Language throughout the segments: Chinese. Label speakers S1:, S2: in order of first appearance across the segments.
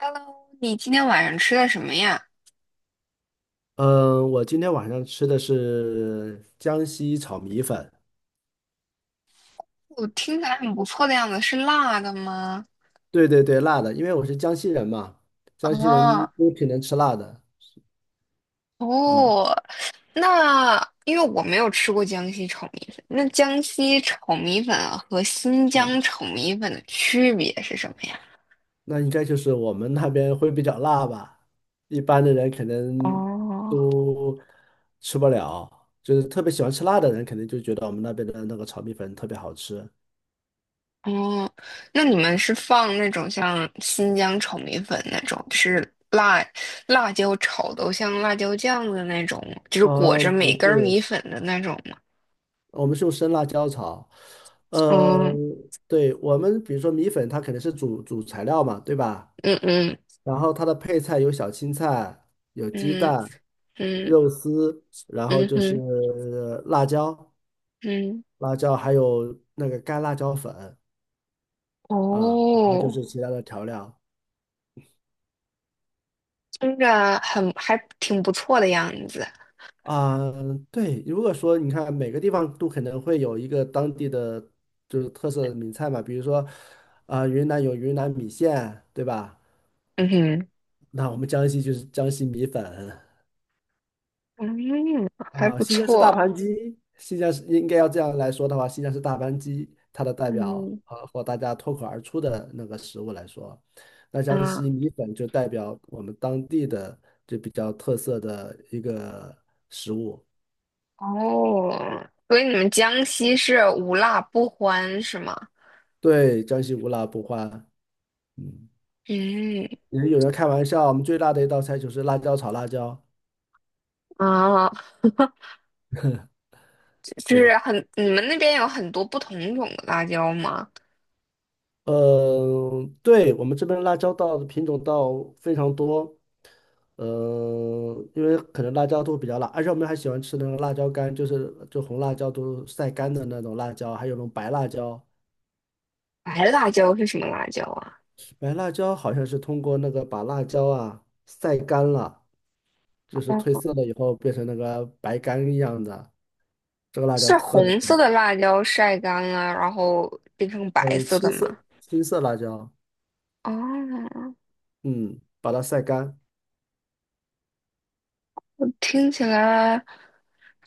S1: Hello，你今天晚上吃的什么呀？
S2: 嗯，我今天晚上吃的是江西炒米粉，
S1: 我听起来很不错的样子，是辣的吗？
S2: 对对对，辣的，因为我是江西人嘛，江西人
S1: 啊。
S2: 都挺能吃辣的。嗯
S1: 哦。那因为我没有吃过江西炒米粉，那江西炒米粉和新
S2: 嗯，
S1: 疆炒米粉的区别是什么呀？
S2: 那应该就是我们那边会比较辣吧，一般的人可能
S1: 哦
S2: 都吃不了，就是特别喜欢吃辣的人，肯定就觉得我们那边的那个炒米粉特别好吃。
S1: 哦，那你们是放那种像新疆炒米粉那种，就是辣椒炒的像辣椒酱的那种，就是裹
S2: 啊，
S1: 着
S2: 不
S1: 每根
S2: 是，
S1: 儿米粉的那种吗？
S2: 我们是用生辣椒炒。呃，
S1: 嗯
S2: 对，我们比如说米粉，它肯定是主材料嘛，对吧？
S1: 嗯嗯。
S2: 然后它的配菜有小青菜、有鸡
S1: 嗯
S2: 蛋、
S1: 嗯
S2: 肉丝，然后
S1: 嗯
S2: 就是
S1: 哼
S2: 辣椒、
S1: 嗯。
S2: 辣椒，还有那个干辣椒粉啊，然后就
S1: 哦。
S2: 是其他的调料
S1: 听着很还挺不错的样子。
S2: 啊。对，如果说你看每个地方都可能会有一个当地的就是特色的名菜嘛，比如说啊，云南有云南米线，对吧？
S1: 嗯哼。
S2: 那我们江西就是江西米粉
S1: 嗯，还
S2: 啊，
S1: 不
S2: 新疆是大
S1: 错。
S2: 盘鸡，新疆是应该要这样来说的话，新疆是大盘鸡，它的代表
S1: 嗯
S2: 啊，或大家脱口而出的那个食物来说，那江
S1: 啊。
S2: 西米粉就代表我们当地的就比较特色的一个食物。
S1: 哦，所以你们江西是无辣不欢是吗？
S2: 对，江西无辣不欢。嗯，
S1: 嗯
S2: 也有人开玩笑，我们最辣的一道菜就是辣椒炒辣椒。
S1: 啊，就
S2: 对，
S1: 是很，你们那边有很多不同种的辣椒吗？
S2: 嗯，对，我们这边辣椒稻的品种稻非常多，嗯，因为可能辣椒都比较辣，而且我们还喜欢吃那种辣椒干，就是就红辣椒都晒干的那种辣椒，还有那种白辣椒，
S1: 白辣椒是什么辣椒啊？
S2: 白辣椒好像是通过那个把辣椒啊晒干了，就是褪
S1: 哦，
S2: 色了以后变成那个白干一样的，这个辣椒
S1: 是
S2: 特别，
S1: 红色的辣椒晒干了，然后变成白
S2: 嗯，
S1: 色的
S2: 青
S1: 吗？
S2: 色青色辣椒，
S1: 哦，
S2: 嗯，把它晒干，
S1: 听起来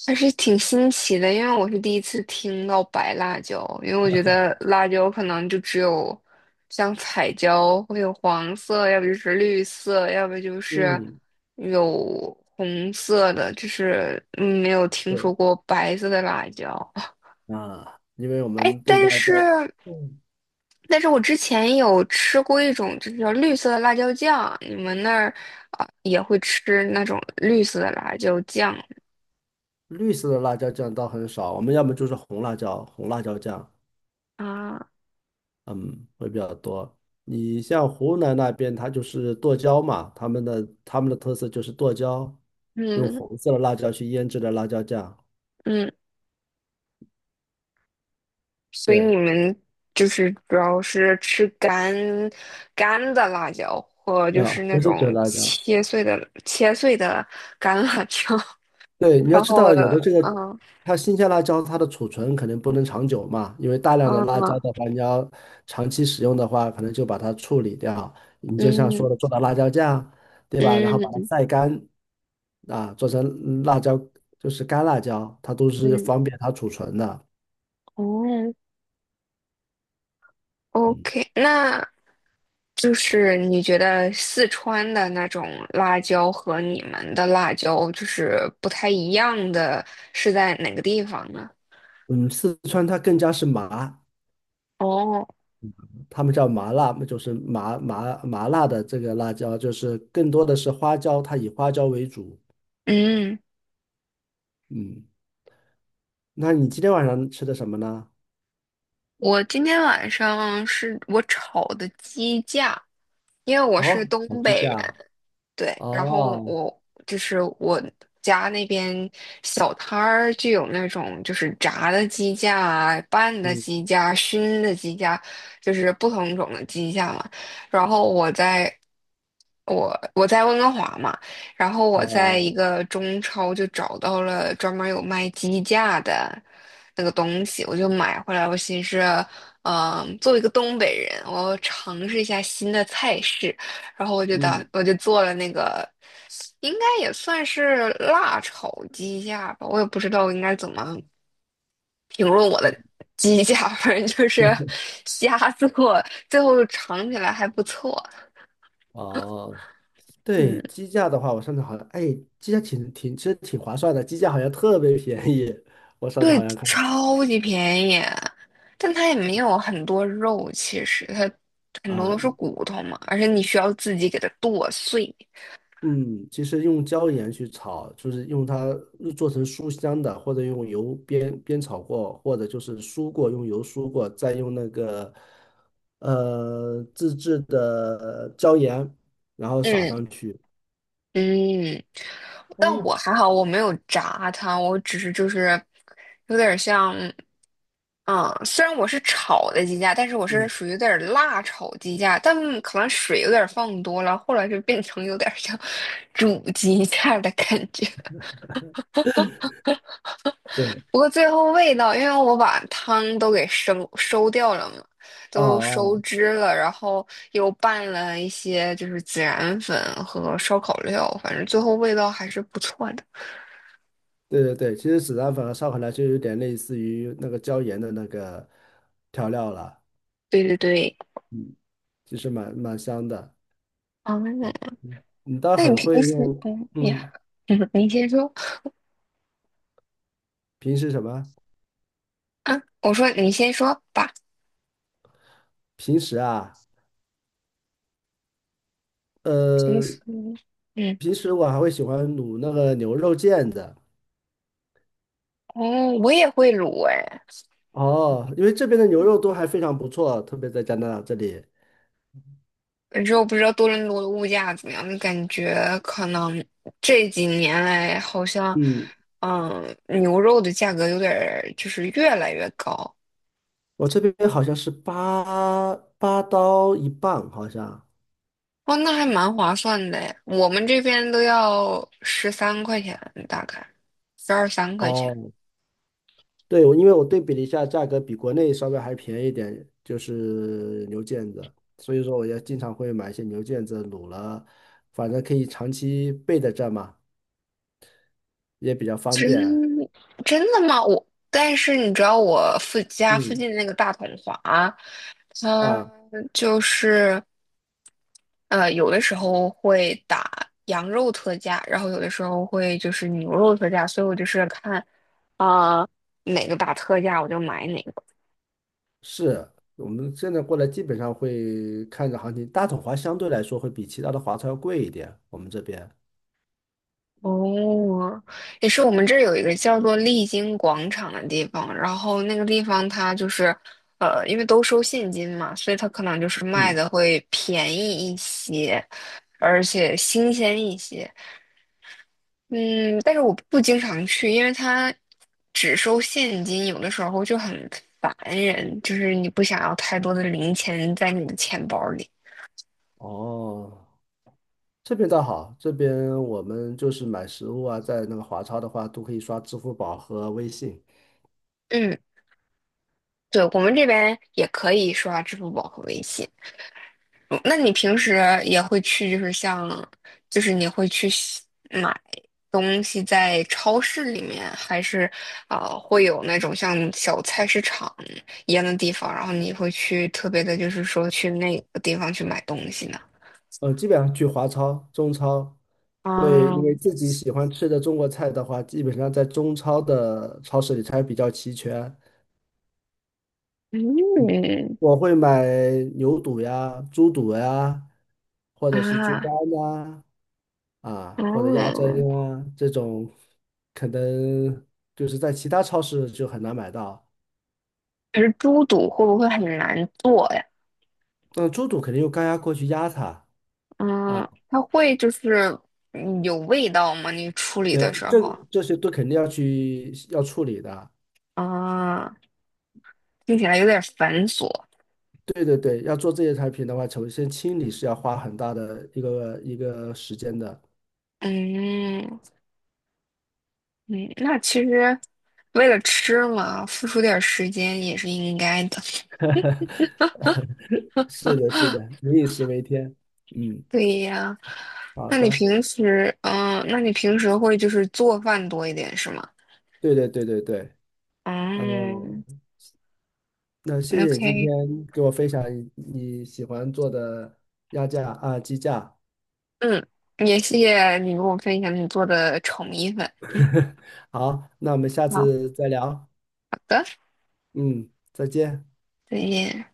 S1: 还是挺新奇的，因为我是第一次听到白辣椒，因为我觉得辣椒可能就只有像彩椒会有黄色，要不就是绿色，要不就是
S2: 嗯。
S1: 有红色的，就是没有听
S2: 对。
S1: 说过白色的辣椒。
S2: 啊，因为我
S1: 哎，
S2: 们对
S1: 但
S2: 辣椒，
S1: 是
S2: 嗯，
S1: 但是我之前有吃过一种就是叫绿色的辣椒酱，你们那儿啊也会吃那种绿色的辣椒酱吗
S2: 绿色的辣椒酱倒很少，我们要么就是红辣椒，红辣椒酱，
S1: 啊？
S2: 嗯，会比较多。你像湖南那边，它就是剁椒嘛，他们的特色就是剁椒，用
S1: 嗯
S2: 红色的辣椒去腌制的辣椒酱，
S1: 嗯，所以你
S2: 对，
S1: 们就是主要是吃干干的辣椒，或就是
S2: 啊，
S1: 那
S2: 不是卷
S1: 种
S2: 辣椒，
S1: 切碎的干辣椒，
S2: 对，你要
S1: 然
S2: 知
S1: 后
S2: 道，有的这个
S1: 嗯
S2: 它新鲜辣椒，它的储存可能不能长久嘛，因为大量的辣椒
S1: 嗯
S2: 的话，你要长期使用的话，可能就把它处理掉。你就像
S1: 嗯
S2: 说的，做到辣椒酱，对吧？然后把它
S1: 嗯
S2: 晒干，啊，做成辣椒，就是干辣椒，它都是
S1: 嗯
S2: 方便它储存的。
S1: 哦
S2: 嗯，
S1: ，OK，那就是你觉得四川的那种辣椒和你们的辣椒就是不太一样的是在哪个地方呢？
S2: 嗯四川它更加是麻，
S1: 哦，
S2: 他们叫麻辣，就是麻辣的这个辣椒，就是更多的是花椒，它以花椒为主。
S1: 嗯。
S2: 嗯。那你今天晚上吃的什么呢？
S1: 我今天晚上是我炒的鸡架，因为我是
S2: 哦，
S1: 东
S2: 烤鸡
S1: 北人。
S2: 架，
S1: 对，然后
S2: 哦，
S1: 我就是我家那边小摊儿就有那种就是炸的鸡架啊、拌的
S2: 嗯，
S1: 鸡架、熏的鸡架，就是不同种的鸡架嘛。然后我在温哥华嘛，然后我在一
S2: 哦，
S1: 个中超就找到了专门有卖鸡架的那个东西，我就买回来。我寻思，作为一个东北人，我要尝试一下新的菜式。然后
S2: 嗯，
S1: 我就做了那个，应该也算是辣炒鸡架吧，我也不知道应该怎么评论我的鸡架，反正就是 瞎做，最后尝起来还不错。
S2: 哦，对，
S1: 嗯，
S2: 鸡架的话，我上次好像，哎，鸡架其实挺划算的，鸡架好像特别便宜。我上次
S1: 对，
S2: 好像看
S1: 超级便宜，但它也没有很多肉，其实它很多
S2: 啊，
S1: 都是骨头嘛，而且你需要自己给它剁碎。
S2: 嗯，其实用椒盐去炒，就是用它做成酥香的，或者用油煸煸炒过，或者就是酥过，用油酥过，再用那个自制的椒盐，然后撒
S1: 嗯
S2: 上去。
S1: 嗯，但
S2: 哎，
S1: 我还好，我没有炸它，我只是就是有点像。嗯，虽然我是炒的鸡架，但是我是
S2: 嗯，
S1: 属于有点儿辣炒鸡架，但可能水有点儿放多了，后来就变成有点儿像 煮鸡架的感觉。
S2: 对，
S1: 不过最后味道，因为我把汤都给收收掉了嘛，
S2: 啊
S1: 都收
S2: 哦，
S1: 汁了，然后又拌了一些就是孜然粉和烧烤料，反正最后味道还是不错的。
S2: 对对对，其实孜然粉和烧烤来就有点类似于那个椒盐的那个调料了，
S1: 对对对，
S2: 其实蛮香的。
S1: 嗯，
S2: 嗯你倒
S1: 那你
S2: 很
S1: 平
S2: 会
S1: 时
S2: 用，嗯，
S1: 你先说
S2: 平时什么？
S1: 啊，我说你先说吧。
S2: 平时啊，
S1: 其
S2: 呃，
S1: 实，嗯。
S2: 平时我还会喜欢卤那个牛肉腱子。
S1: 哦，我也会卤哎，
S2: 哦，因为这边的牛肉都还非常不错，特别在加拿大这里。
S1: 可是我不知道多伦多的物价怎么样，感觉可能这几年来好像，
S2: 嗯，
S1: 牛肉的价格有点儿就是越来越高。
S2: 我这边好像是八八刀1磅，好像。
S1: 哦，那还蛮划算的哎我们这边都要13块钱，大概十二三块钱。
S2: 哦，对，因为我对比了一下，价格比国内稍微还便宜一点，就是牛腱子，所以说我也经常会买一些牛腱子卤了，反正可以长期备在这儿嘛，也比较方
S1: 真
S2: 便。
S1: 真的吗？我但是你知道我附家附
S2: 嗯，
S1: 近那个大统华，它
S2: 啊，
S1: 就是。有的时候会打羊肉特价，然后有的时候会就是牛肉特价，所以我就是看啊、呃哪个打特价我就买哪个。
S2: 是我们现在过来基本上会看着行情，大统华相对来说会比其他的华超要贵一点，我们这边。
S1: 哦，也是我们这儿有一个叫做丽晶广场的地方，然后那个地方它就是因为都收现金嘛，所以它可能就是卖
S2: 嗯，
S1: 的会便宜一些，而且新鲜一些。嗯，但是我不经常去，因为他只收现金，有的时候就很烦人，就是你不想要太多的零钱在你的钱包里。
S2: 哦，这边倒好，这边我们就是买食物啊，在那个华超的话都可以刷支付宝和微信。
S1: 嗯，对，我们这边也可以刷支付宝和微信。嗯那你平时也会去，就是像，就是你会去西买东西在超市里面，还是会有那种像小菜市场一样的地方，然后你会去特别的，就是说去那个地方去买东西呢？
S2: 基本上去华超、中超，会
S1: 啊，
S2: 因为自己喜欢吃的中国菜的话，基本上在中超的超市里才比较齐全。嗯，
S1: 嗯
S2: 我会买牛肚呀、猪肚呀，或者是猪
S1: 啊。
S2: 肝呐、啊，或者鸭
S1: 哦，
S2: 胗啊，这种可能就是在其他超市就很难买到。
S1: 可是猪肚会不会很难做呀？
S2: 那猪肚肯定用高压锅去压它啊，
S1: 嗯，它会就是有味道吗？你处理
S2: 没
S1: 的
S2: 有，
S1: 时
S2: 这
S1: 候
S2: 这些都肯定要去要处理的，
S1: 啊，听起来有点繁琐。
S2: 对对对，要做这些产品的话，首先清理是要花很大的一个时间的。
S1: 嗯嗯，那其实为了吃嘛，付出点儿时间也是应该的。
S2: 是的，是的，民以食为天。嗯，
S1: 对呀，
S2: 好的，
S1: 那你平时会就是做饭多一点是吗？
S2: 对对对对对，呃，
S1: 嗯
S2: 那谢谢你今
S1: ，OK。
S2: 天给我分享你喜欢做的鸭架啊，鸡架。
S1: 嗯，也谢谢你跟我分享你做的炒米粉。
S2: 好，那我们下
S1: 好，好
S2: 次再聊。
S1: 的，
S2: 嗯，再见。
S1: 再见。